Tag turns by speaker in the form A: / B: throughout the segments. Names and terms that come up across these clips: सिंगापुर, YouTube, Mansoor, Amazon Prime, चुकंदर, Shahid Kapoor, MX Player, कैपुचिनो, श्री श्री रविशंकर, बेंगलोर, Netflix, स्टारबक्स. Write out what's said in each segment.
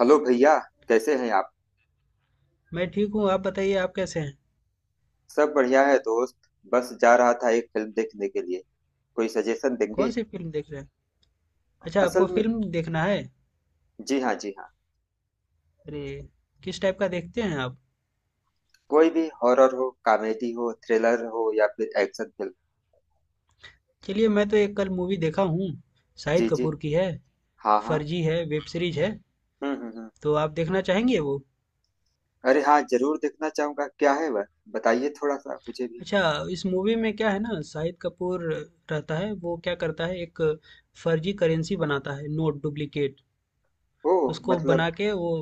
A: Hello भैया, कैसे हैं आप।
B: मैं ठीक हूँ। आप बताइए, आप कैसे हैं?
A: सब बढ़िया है दोस्त। बस जा रहा था एक फिल्म देखने के लिए। कोई सजेशन देंगे।
B: कौन सी फिल्म देख रहे हैं? अच्छा,
A: असल
B: आपको
A: में
B: फिल्म देखना है?
A: जी हाँ, जी हाँ।
B: अरे, किस टाइप का देखते हैं आप?
A: कोई भी हॉरर हो, कॉमेडी हो, थ्रिलर हो या फिर एक्शन फिल्म।
B: चलिए, मैं तो एक कल मूवी देखा हूँ। शाहिद
A: जी जी।
B: कपूर की है।
A: हाँ हाँ।
B: फर्जी है, वेब सीरीज है।
A: हम्म।
B: तो आप देखना चाहेंगे वो?
A: अरे हाँ, जरूर देखना चाहूंगा। क्या है वह, बताइए थोड़ा सा मुझे भी।
B: अच्छा, इस मूवी में क्या है ना, शाहिद कपूर रहता है, वो क्या करता है, एक फर्जी करेंसी बनाता है, नोट डुप्लीकेट
A: ओ।
B: उसको
A: मतलब
B: बना के वो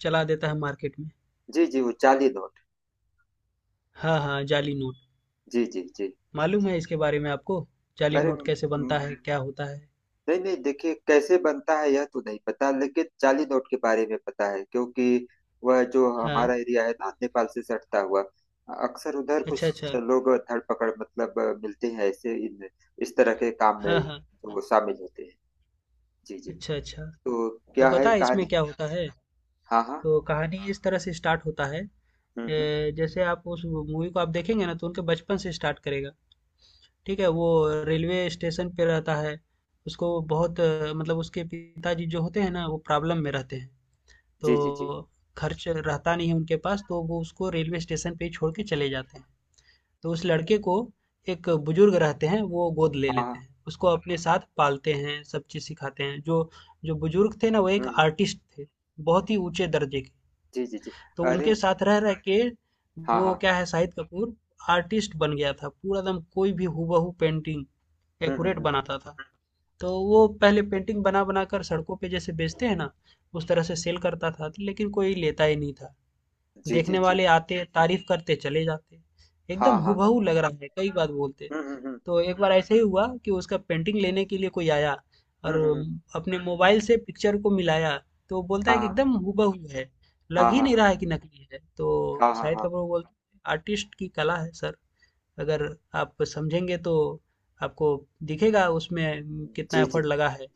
B: चला देता है मार्केट में।
A: जी जी, वो चार्ली नॉट।
B: हाँ हाँ, जाली नोट।
A: जी जी जी।
B: मालूम है इसके बारे में आपको, जाली
A: अरे
B: नोट
A: म,
B: कैसे
A: म,
B: बनता है, क्या होता है?
A: नहीं नहीं, देखिए कैसे बनता है यह तो नहीं पता, लेकिन जाली नोट के बारे में पता है क्योंकि वह जो
B: हाँ।
A: हमारा एरिया है ना, नेपाल से सटता हुआ। अक्सर उधर
B: अच्छा,
A: कुछ
B: अच्छा।
A: लोग धर पकड़ मतलब मिलते हैं ऐसे इन, इस तरह के काम
B: हाँ,
A: में
B: हाँ।
A: जो शामिल होते हैं। जी जी।
B: अच्छा, अच्छा।
A: तो
B: तो
A: क्या है
B: पता है
A: कहानी।
B: इसमें क्या होता है?
A: हाँ हाँ।
B: तो कहानी इस तरह से स्टार्ट होता है,
A: हम्म।
B: जैसे आप उस मूवी को आप देखेंगे ना तो उनके बचपन से स्टार्ट करेगा। ठीक है? वो रेलवे स्टेशन पे रहता है, उसको बहुत मतलब उसके पिताजी जो होते हैं ना वो प्रॉब्लम में रहते हैं,
A: जी जी जी।
B: तो खर्च रहता नहीं है उनके पास तो वो उसको रेलवे स्टेशन पे ही छोड़ के चले जाते हैं। तो उस लड़के को एक बुजुर्ग रहते हैं, वो गोद ले
A: हाँ
B: लेते
A: हाँ।
B: हैं। उसको अपने साथ पालते हैं, सब चीज़ सिखाते हैं। जो जो बुजुर्ग थे ना, वो एक
A: हम्म हम्म।
B: आर्टिस्ट थे, बहुत ही ऊँचे दर्जे के।
A: जी जी जी।
B: तो
A: अरे
B: उनके साथ रह रह के
A: हाँ
B: वो
A: हाँ।
B: क्या है, शाहिद कपूर आर्टिस्ट बन गया था, पूरा एकदम कोई भी हूबहू पेंटिंग एक्यूरेट
A: हम्म।
B: बनाता था। तो वो पहले पेंटिंग बना बना कर सड़कों पे जैसे बेचते हैं ना, उस तरह से सेल करता था लेकिन कोई लेता ही नहीं था।
A: जी जी
B: देखने
A: जी।
B: वाले आते, तारीफ करते, चले जाते।
A: हाँ
B: एकदम
A: हाँ हाँ।
B: हूबहू लग रहा है, कई बार बोलते।
A: हम्म।
B: तो एक बार ऐसे ही हुआ कि उसका पेंटिंग लेने के लिए कोई आया
A: हम्म
B: और
A: हम्म, हम्म।
B: अपने मोबाइल से पिक्चर को मिलाया। तो बोलता है कि
A: हाँ।
B: एकदम हूबहू है,
A: हाँ
B: लग ही नहीं
A: हाँ
B: रहा है कि नकली है। तो
A: हाँ हाँ हाँ। हाँ
B: शाहिद
A: हाँ।
B: कपूर को बोलते हैं, आर्टिस्ट की कला है सर, अगर आप समझेंगे तो आपको दिखेगा उसमें कितना
A: जी जी।
B: एफर्ट लगा है।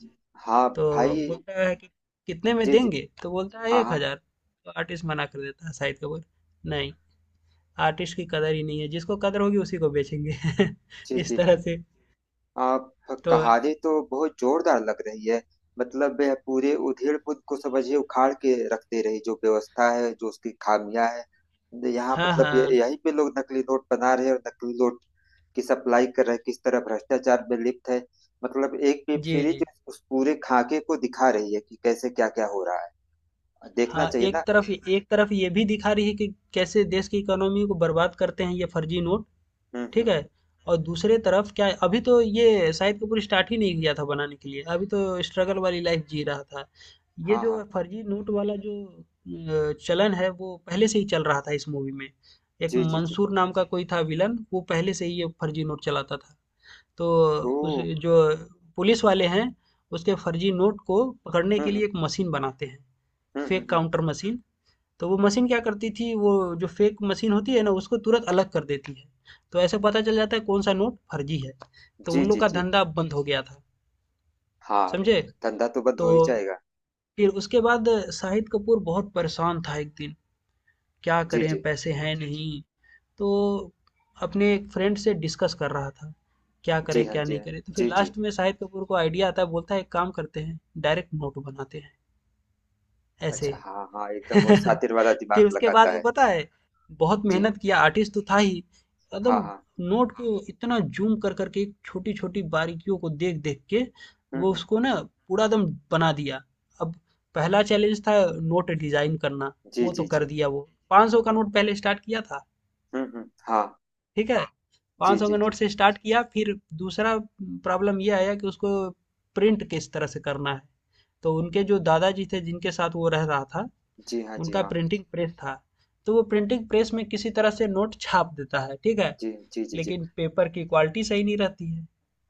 A: हाँ
B: तो
A: भाई।
B: बोलता है कि कितने में
A: जी जी।
B: देंगे, तो बोलता है
A: हाँ
B: एक
A: हाँ।
B: हजार तो आर्टिस्ट मना कर देता है, शाहिद कपूर, नहीं, आर्टिस्ट की कदर ही नहीं है, जिसको कदर होगी उसी को बेचेंगे।
A: जी
B: इस
A: जी।
B: तरह से।
A: आप
B: तो
A: कहानी तो बहुत जोरदार लग रही है। मतलब वह पूरे उधेड़ पुद को समझिए उखाड़ के रखते रही। जो व्यवस्था है, जो उसकी खामियां है, यहाँ
B: हाँ
A: मतलब ये
B: हाँ,
A: यहीं पे लोग नकली नोट बना रहे हैं और नकली नोट की सप्लाई कर रहे हैं, किस तरह भ्रष्टाचार में लिप्त है। मतलब एक वेब
B: जी
A: सीरीज
B: जी।
A: उस पूरे खाके को दिखा रही है कि कैसे क्या क्या हो रहा है। देखना
B: हाँ,
A: चाहिए
B: एक
A: ना।
B: तरफ, एक तरफ ये भी दिखा रही है कि कैसे देश की इकोनॉमी को बर्बाद करते हैं ये फर्जी नोट। ठीक
A: हम्म।
B: है? और दूसरे तरफ क्या है, अभी तो ये शाहिद कपूर स्टार्ट ही नहीं किया था बनाने के लिए, अभी तो स्ट्रगल वाली लाइफ जी रहा था। ये
A: हाँ
B: जो
A: हाँ।
B: फर्जी नोट वाला जो चलन है वो पहले से ही चल रहा था इस मूवी में। एक
A: जी जी जी।
B: मंसूर नाम का कोई था विलन, वो पहले से ही ये फर्जी नोट चलाता था। तो
A: ओ।
B: उस जो पुलिस वाले हैं, उसके फर्जी नोट को पकड़ने
A: हम्म
B: के लिए
A: हम्म
B: एक मशीन बनाते हैं,
A: हम्म।
B: Fake counter machine. तो वो मशीन क्या करती थी, वो जो फेक मशीन होती है ना उसको तुरंत अलग कर देती है। तो ऐसे पता चल जाता है कौन सा नोट फर्जी है। तो
A: जी
B: उन
A: जी
B: लोग का
A: जी।
B: धंधा बंद हो गया था।
A: हाँ।
B: समझे?
A: धंधा तो बंद
B: तो
A: हो ही जाएगा।
B: फिर उसके बाद शाहिद कपूर बहुत परेशान था एक दिन, क्या
A: जी
B: करें
A: जी
B: पैसे हैं नहीं। तो अपने एक फ्रेंड से डिस्कस कर रहा था क्या
A: जी।
B: करें
A: हाँ
B: क्या
A: जी,
B: नहीं
A: हाँ
B: करें। तो फिर
A: जी। जी
B: लास्ट में शाहिद कपूर को आइडिया आता है, बोलता है एक काम करते हैं, डायरेक्ट नोट बनाते हैं ऐसे।
A: अच्छा, हाँ हाँ, एकदम वो शातिर
B: फिर
A: वाला दिमाग
B: उसके बाद
A: लगाता
B: वो
A: है।
B: पता है बहुत
A: जी।
B: मेहनत किया, आर्टिस्ट तो था ही, एकदम
A: हाँ हाँ।
B: नोट को इतना जूम कर करके छोटी छोटी बारीकियों को देख देख के वो
A: हम्म।
B: उसको ना पूरा एकदम बना दिया। अब पहला चैलेंज था नोट डिजाइन करना।
A: जी
B: वो तो
A: जी जी।
B: कर दिया। वो 500 का
A: हम्म
B: नोट पहले स्टार्ट किया था।
A: हाँ।
B: ठीक है,
A: जी
B: 500
A: जी
B: का
A: जी
B: नोट से स्टार्ट किया। फिर दूसरा प्रॉब्लम ये आया कि उसको प्रिंट किस तरह से करना है। तो उनके जो दादाजी थे जिनके साथ वो रह रहा था,
A: जी। हाँ जी,
B: उनका
A: हाँ
B: प्रिंटिंग प्रेस था। तो वो प्रिंटिंग प्रेस में किसी तरह से नोट छाप देता है। ठीक है,
A: जी जी जी जी।
B: लेकिन पेपर की क्वालिटी सही नहीं रहती है।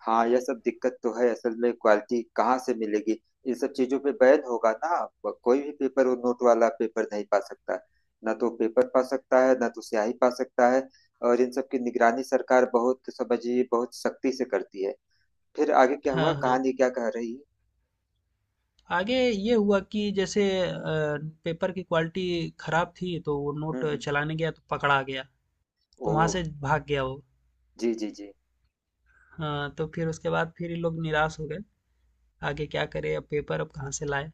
A: हाँ, यह सब दिक्कत तो है। असल में क्वालिटी कहाँ से मिलेगी। इन सब चीजों पे बैन होगा ना। कोई भी पेपर, वो नोट वाला पेपर नहीं पा सकता। ना तो पेपर पा सकता है, ना तो स्याही पा सकता है। और इन सब की निगरानी सरकार बहुत समझिए बहुत सख्ती से करती है। फिर आगे क्या हुआ,
B: हाँ हाँ।
A: कहानी क्या कह रही है।
B: आगे ये हुआ कि जैसे पेपर की क्वालिटी खराब थी तो वो नोट
A: हम्म।
B: चलाने गया तो पकड़ा गया। तो वहां
A: ओह।
B: से भाग गया वो।
A: जी जी जी।
B: हाँ, तो फिर उसके बाद फिर ये लोग निराश हो गए। आगे क्या करे, अब पेपर अब कहाँ से लाए।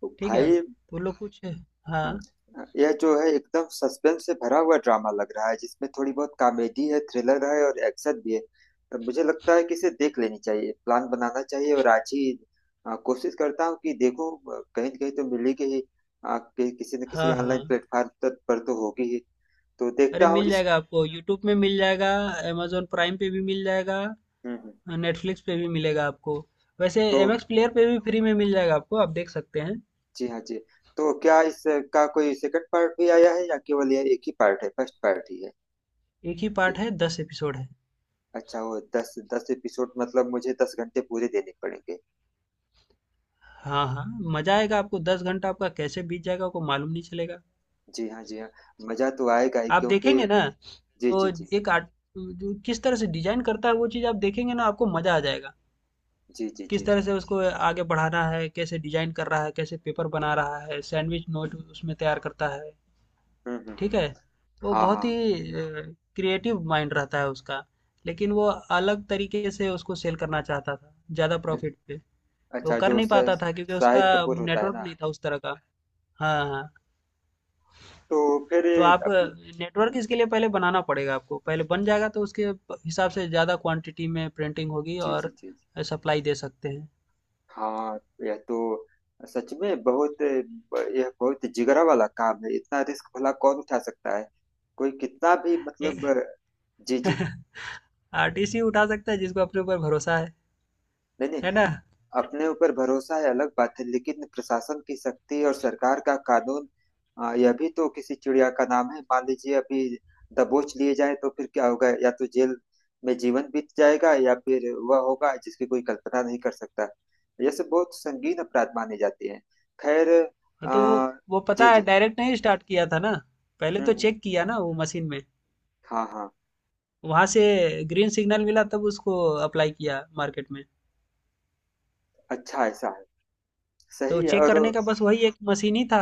A: तो
B: ठीक है, तो
A: भाई।
B: वो लोग कुछ, हाँ
A: हम्म, यह जो है एकदम सस्पेंस से भरा हुआ ड्रामा लग रहा है, जिसमें थोड़ी बहुत कॉमेडी है, थ्रिलर है और एक्शन भी है। तो मुझे लगता है कि इसे देख लेनी चाहिए, प्लान बनाना चाहिए और आज ही कोशिश करता हूँ कि देखो कहीं न कहीं तो मिलेगी ही। किसी न किसी
B: हाँ हाँ।
A: ऑनलाइन प्लेटफॉर्म पर तो होगी ही। तो
B: अरे,
A: देखता हूँ
B: मिल
A: इस।
B: जाएगा आपको, यूट्यूब में मिल जाएगा, amazon प्राइम पे भी मिल जाएगा।
A: हम्म हम्म।
B: हाँ, नेटफ्लिक्स पे भी मिलेगा आपको। वैसे
A: तो
B: एमएक्स प्लेयर पे भी फ्री में मिल जाएगा आपको, आप देख सकते हैं।
A: जी हाँ, जी। तो क्या इसका कोई सेकंड पार्ट भी आया है, या केवल यह एक ही पार्ट है, फर्स्ट पार्ट ही है।
B: एक ही
A: ए-
B: पार्ट है, 10 एपिसोड है।
A: अच्छा, वो दस दस एपिसोड। मतलब मुझे दस घंटे पूरे देने पड़ेंगे।
B: हाँ हाँ, मजा आएगा आपको, 10 घंटा आपका कैसे बीत जाएगा आपको मालूम नहीं चलेगा।
A: जी हाँ, जी हाँ। मजा तो आएगा ही
B: आप
A: क्योंकि
B: देखेंगे ना
A: जी
B: तो
A: जी जी।
B: एक आर्ट जो किस तरह से डिजाइन करता है, वो चीज़ आप देखेंगे ना आपको मजा आ जाएगा।
A: जी जी
B: किस
A: जी।
B: तरह से उसको आगे बढ़ाना है, कैसे डिजाइन कर रहा है, कैसे पेपर बना रहा है, सैंडविच नोट उसमें तैयार करता है।
A: हम्म हम्म हम्म।
B: ठीक है, तो वो
A: हाँ
B: बहुत
A: हाँ।
B: ही क्रिएटिव माइंड रहता है उसका। लेकिन वो अलग तरीके से उसको सेल करना चाहता था, ज़्यादा
A: अ-
B: प्रॉफिट पे। तो
A: अच्छा,
B: कर
A: जो
B: नहीं
A: स-
B: पाता था क्योंकि उसका
A: शाहिद कपूर होता है
B: नेटवर्क
A: ना।
B: नहीं था उस तरह का। हाँ हाँ,
A: तो फिर
B: तो आप
A: अपना
B: नेटवर्क इसके लिए पहले बनाना पड़ेगा आपको, पहले बन जाएगा तो उसके हिसाब से ज़्यादा क्वांटिटी में प्रिंटिंग होगी
A: जी जी
B: और
A: जी।
B: सप्लाई दे सकते
A: हाँ, यह तो सच में बहुत, यह बहुत जिगरा वाला काम है। इतना रिस्क भला कौन उठा सकता है। कोई कितना भी
B: हैं।
A: मतलब जी जी।
B: आरटीसी उठा सकता है जिसको अपने ऊपर भरोसा है
A: नहीं नहीं,
B: है ना?
A: अपने ऊपर भरोसा है अलग बात है, लेकिन प्रशासन की शक्ति और सरकार का कानून, यह भी तो किसी चिड़िया का नाम है। मान लीजिए अभी दबोच लिए जाए तो फिर क्या होगा, या तो जेल में जीवन बीत जाएगा या फिर वह होगा जिसकी कोई कल्पना नहीं कर सकता। यह सब बहुत संगीन अपराध माने जाते हैं। खैर,
B: तो वो
A: आ,
B: वो
A: जी
B: पता है
A: जी।
B: डायरेक्ट नहीं स्टार्ट किया था ना, पहले
A: हम्म
B: तो
A: हम्म,
B: चेक किया ना वो मशीन में,
A: हाँ हाँ।
B: वहां से ग्रीन सिग्नल मिला तब उसको अप्लाई किया मार्केट में।
A: अच्छा ऐसा है।
B: तो
A: सही है।
B: चेक
A: और
B: करने का बस वही एक मशीन ही था,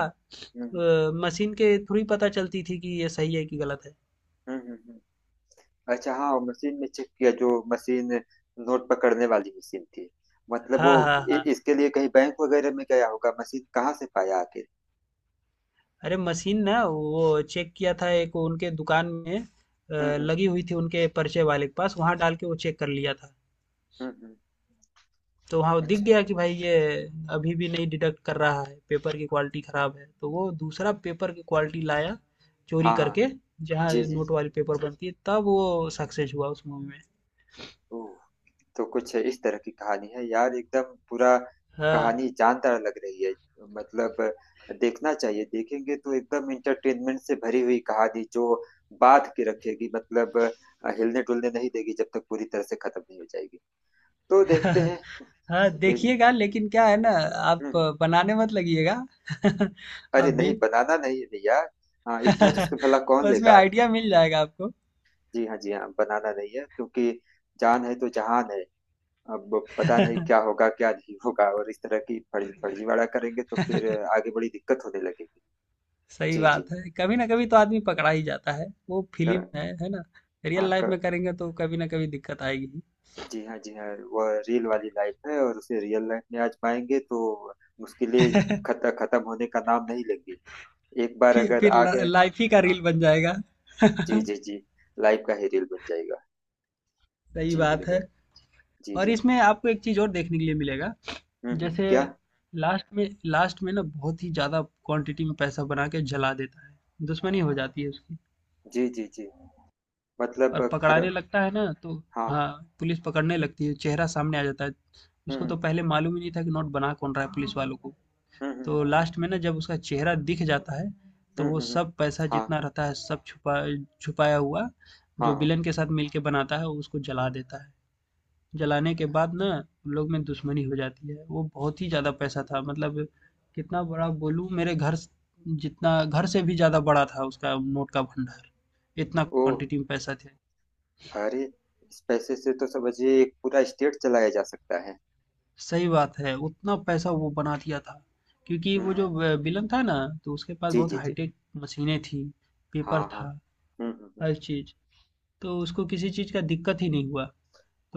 A: हम्म
B: मशीन के थ्रू ही पता चलती थी कि ये सही है कि गलत है।
A: हम्म हम्म हम्म, अच्छा हाँ, मशीन में चेक किया। जो मशीन नोट पकड़ने वाली मशीन थी, मतलब वो
B: हाँ हाँ हाँ।
A: इसके लिए कहीं बैंक वगैरह में गया होगा। मशीन कहाँ से पाया आखिर।
B: अरे मशीन ना वो चेक किया था एक उनके दुकान में,
A: हम्म।
B: लगी हुई थी उनके परिचय वाले के पास, वहां डाल के वो चेक कर लिया था।
A: हम्म हम्म,
B: तो वहाँ दिख
A: अच्छा।
B: गया कि भाई ये अभी भी नहीं डिडक्ट कर रहा है, पेपर की क्वालिटी खराब है। तो वो दूसरा पेपर की क्वालिटी लाया, चोरी
A: हाँ हाँ।
B: करके, जहाँ
A: जी जी जी।
B: नोट वाली पेपर बनती है। तब वो सक्सेस हुआ उस मूवी में।
A: ओह, तो कुछ इस तरह की कहानी है यार। एकदम पूरा
B: हाँ।
A: कहानी जानदार लग रही है। मतलब देखना चाहिए। देखेंगे तो एकदम इंटरटेनमेंट से भरी हुई कहानी जो बांध के रखेगी। मतलब हिलने डुलने नहीं देगी जब तक पूरी तरह से खत्म नहीं हो जाएगी। तो देखते हैं।
B: हाँ,
A: देख
B: देखिएगा लेकिन क्या है ना, आप
A: हम्म,
B: बनाने मत लगिएगा।
A: अरे
B: आप
A: नहीं,
B: भी।
A: बनाना नहीं है भैया। हाँ, इतना रिस्क भला कौन
B: उसमें
A: लेगा।
B: आइडिया मिल जाएगा आपको।
A: जी हाँ, जी हाँ, बनाना नहीं है क्योंकि जान है तो जहान है। अब पता नहीं क्या होगा, क्या नहीं होगा, और इस तरह की फर्जीवाड़ा करेंगे तो फिर आगे बड़ी दिक्कत होने लगेगी।
B: सही
A: जी जी।
B: बात है, कभी ना कभी तो आदमी पकड़ा ही जाता है। वो
A: कर
B: फिल्म है ना,
A: हाँ,
B: रियल लाइफ
A: कर
B: में करेंगे तो कभी ना कभी दिक्कत आएगी।
A: जी हाँ, जी हाँ। वह रियल वाली लाइफ है, और उसे रियल लाइफ में आजमाएंगे तो मुश्किलें खत्म होने का नाम नहीं लेंगे। एक बार
B: फिर
A: अगर
B: फिर
A: आ गए,
B: लाइफ ही का रील बन जाएगा।
A: जी
B: सही
A: जी जी, लाइफ का ही रियल बन जाएगा। जी मेरे
B: बात
A: भाई।
B: है।
A: जी
B: और
A: जी।
B: इसमें आपको एक चीज और देखने के लिए मिलेगा। जैसे
A: क्या।
B: लास्ट में, लास्ट में ना बहुत ही ज्यादा क्वांटिटी में पैसा बना के जला देता है, दुश्मनी हो जाती है उसकी
A: जी, जी, जी। मतलब
B: और
A: खर
B: पकड़ाने लगता है ना, तो
A: हाँ।
B: हाँ, पुलिस पकड़ने लगती है, चेहरा सामने आ जाता है।
A: हुँ,
B: उसको तो
A: हुँ।
B: पहले मालूम ही नहीं था कि नोट बना कौन रहा है पुलिस वालों को।
A: हुँ, हुँ, हुँ।
B: तो लास्ट में ना जब उसका चेहरा दिख जाता है, तो
A: हुँ,
B: वो
A: हुँ, हुँ।
B: सब पैसा
A: हाँ,
B: जितना रहता है सब छुपा, छुपाया हुआ,
A: हाँ,
B: जो
A: हाँ।
B: विलन के साथ मिलके बनाता है उसको जला देता है। जलाने के बाद ना उन लोग में दुश्मनी हो जाती है। वो बहुत ही ज़्यादा पैसा था, मतलब कितना बड़ा बोलूँ, मेरे घर जितना, घर से भी ज़्यादा बड़ा था उसका नोट का भंडार। इतना
A: ओह!
B: क्वांटिटी में पैसा थे।
A: अरे! इस पैसे से तो समझिए एक पूरा स्टेट चलाया जा सकता है।
B: सही बात है, उतना पैसा वो बना दिया था। क्योंकि
A: हुँ,
B: वो
A: हुँ।
B: जो विलन था ना, तो उसके पास
A: जी,
B: बहुत
A: जी, जी।
B: हाईटेक मशीनें थी, पेपर
A: हाँ, हाँ।
B: था,
A: हुँ, हुँ, हुँ।
B: हर चीज़। तो उसको किसी चीज़ का दिक्कत ही नहीं हुआ।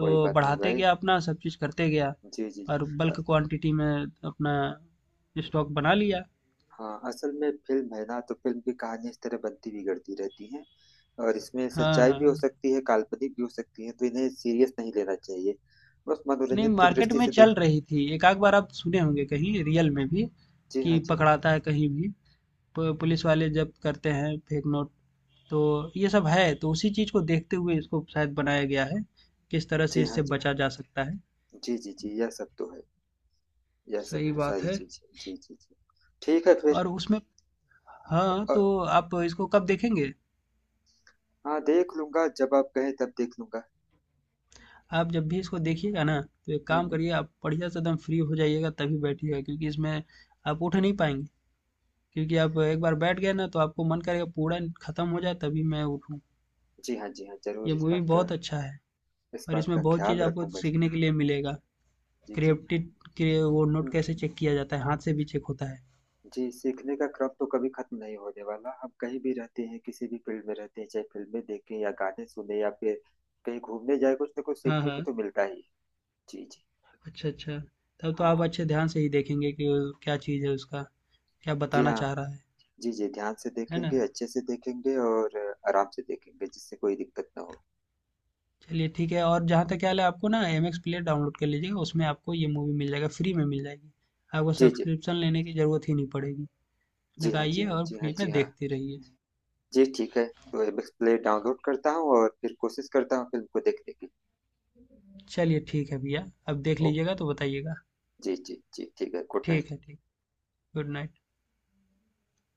A: कोई बात नहीं
B: बढ़ाते
A: भाई।
B: गया, अपना सब चीज़ करते गया
A: जी, जी, जी।
B: और
A: अ,
B: बल्क क्वांटिटी में अपना स्टॉक बना लिया।
A: हाँ, असल में फ़िल्म है ना, तो फ़िल्म की कहानी इस तरह बनती बिगड़ती रहती है और इसमें
B: हाँ,
A: सच्चाई भी हो
B: हाँ।
A: सकती है, काल्पनिक भी हो सकती है, तो इन्हें सीरियस नहीं लेना चाहिए। बस
B: नहीं,
A: मनोरंजन की
B: मार्केट
A: दृष्टि
B: में
A: से
B: चल
A: देखना।
B: रही थी। एक आध बार आप सुने होंगे कहीं रियल में भी
A: जी हाँ,
B: कि
A: जी हाँ।
B: पकड़ाता है कहीं भी। पुलिस वाले जब्त करते हैं फेक नोट। तो ये सब है, तो उसी चीज़ को देखते हुए इसको शायद बनाया गया है, किस तरह से
A: जी हाँ,
B: इससे
A: जी हाँ।
B: बचा जा सकता है।
A: जी जी जी, यह सब तो है, यह सब
B: सही
A: तो
B: बात
A: सारी
B: है।
A: चीज है। जी जी जी। ठीक है फिर।
B: और उसमें हाँ,
A: अ,
B: तो आप इसको कब देखेंगे?
A: हाँ, देख लूंगा, जब आप कहें तब देख लूंगा।
B: आप जब भी इसको देखिएगा ना, तो एक
A: हम्म
B: काम
A: हम्म,
B: करिए, आप बढ़िया से एकदम फ्री हो जाइएगा तभी बैठिएगा, क्योंकि इसमें आप उठ नहीं पाएँगे। क्योंकि आप एक बार बैठ गए ना तो आपको मन करेगा पूरा खत्म हो जाए तभी मैं उठूँ।
A: जी हाँ, जी हाँ, जरूर
B: ये
A: इस
B: मूवी
A: बात का,
B: बहुत अच्छा है
A: इस
B: और
A: बात का
B: इसमें बहुत चीज़
A: ख्याल
B: आपको
A: रखूंगा जी।
B: सीखने के लिए मिलेगा।
A: जी जी।
B: क्रिएप्टिड के वो नोट
A: हम्म,
B: कैसे चेक किया जाता है, हाथ से भी चेक होता है।
A: जी सीखने का क्रम तो कभी खत्म नहीं होने वाला। हम कहीं भी रहते हैं, किसी भी फील्ड में रहते हैं, चाहे फिल्में देखें या गाने सुने या फिर कहीं घूमने जाए, कुछ ना कुछ
B: हाँ,
A: सीखने को
B: हाँ।
A: तो मिलता ही है। जी जी।
B: अच्छा, अच्छा। तब तो आप
A: हाँ
B: अच्छे ध्यान से ही देखेंगे कि क्या चीज़ है उसका, क्या
A: जी,
B: बताना
A: हाँ
B: चाह रहा है।
A: जी। जी ध्यान से
B: है ना?
A: देखेंगे, अच्छे से देखेंगे और आराम से देखेंगे जिससे कोई दिक्कत ना हो।
B: चलिए ठीक है, और जहाँ तक ख्याल है आपको ना एमएक्स प्लेयर डाउनलोड कर लीजिएगा, उसमें आपको ये मूवी मिल जाएगा, फ्री में मिल जाएगी आपको,
A: जी जी
B: सब्सक्रिप्शन लेने की ज़रूरत ही नहीं पड़ेगी।
A: जी। हाँ जी,
B: लगाइए
A: हाँ
B: और
A: जी, हाँ
B: फ्री
A: जी,
B: में
A: हाँ
B: देखते रहिए।
A: जी। ठीक है, तो एपेक्स प्ले डाउनलोड करता हूँ और फिर कोशिश करता हूँ फिल्म को देखने की।
B: चलिए ठीक है भैया, अब देख
A: ओके।
B: लीजिएगा तो बताइएगा।
A: जी जी जी, ठीक है, गुड
B: ठीक
A: नाइट।
B: है, ठीक, गुड नाइट।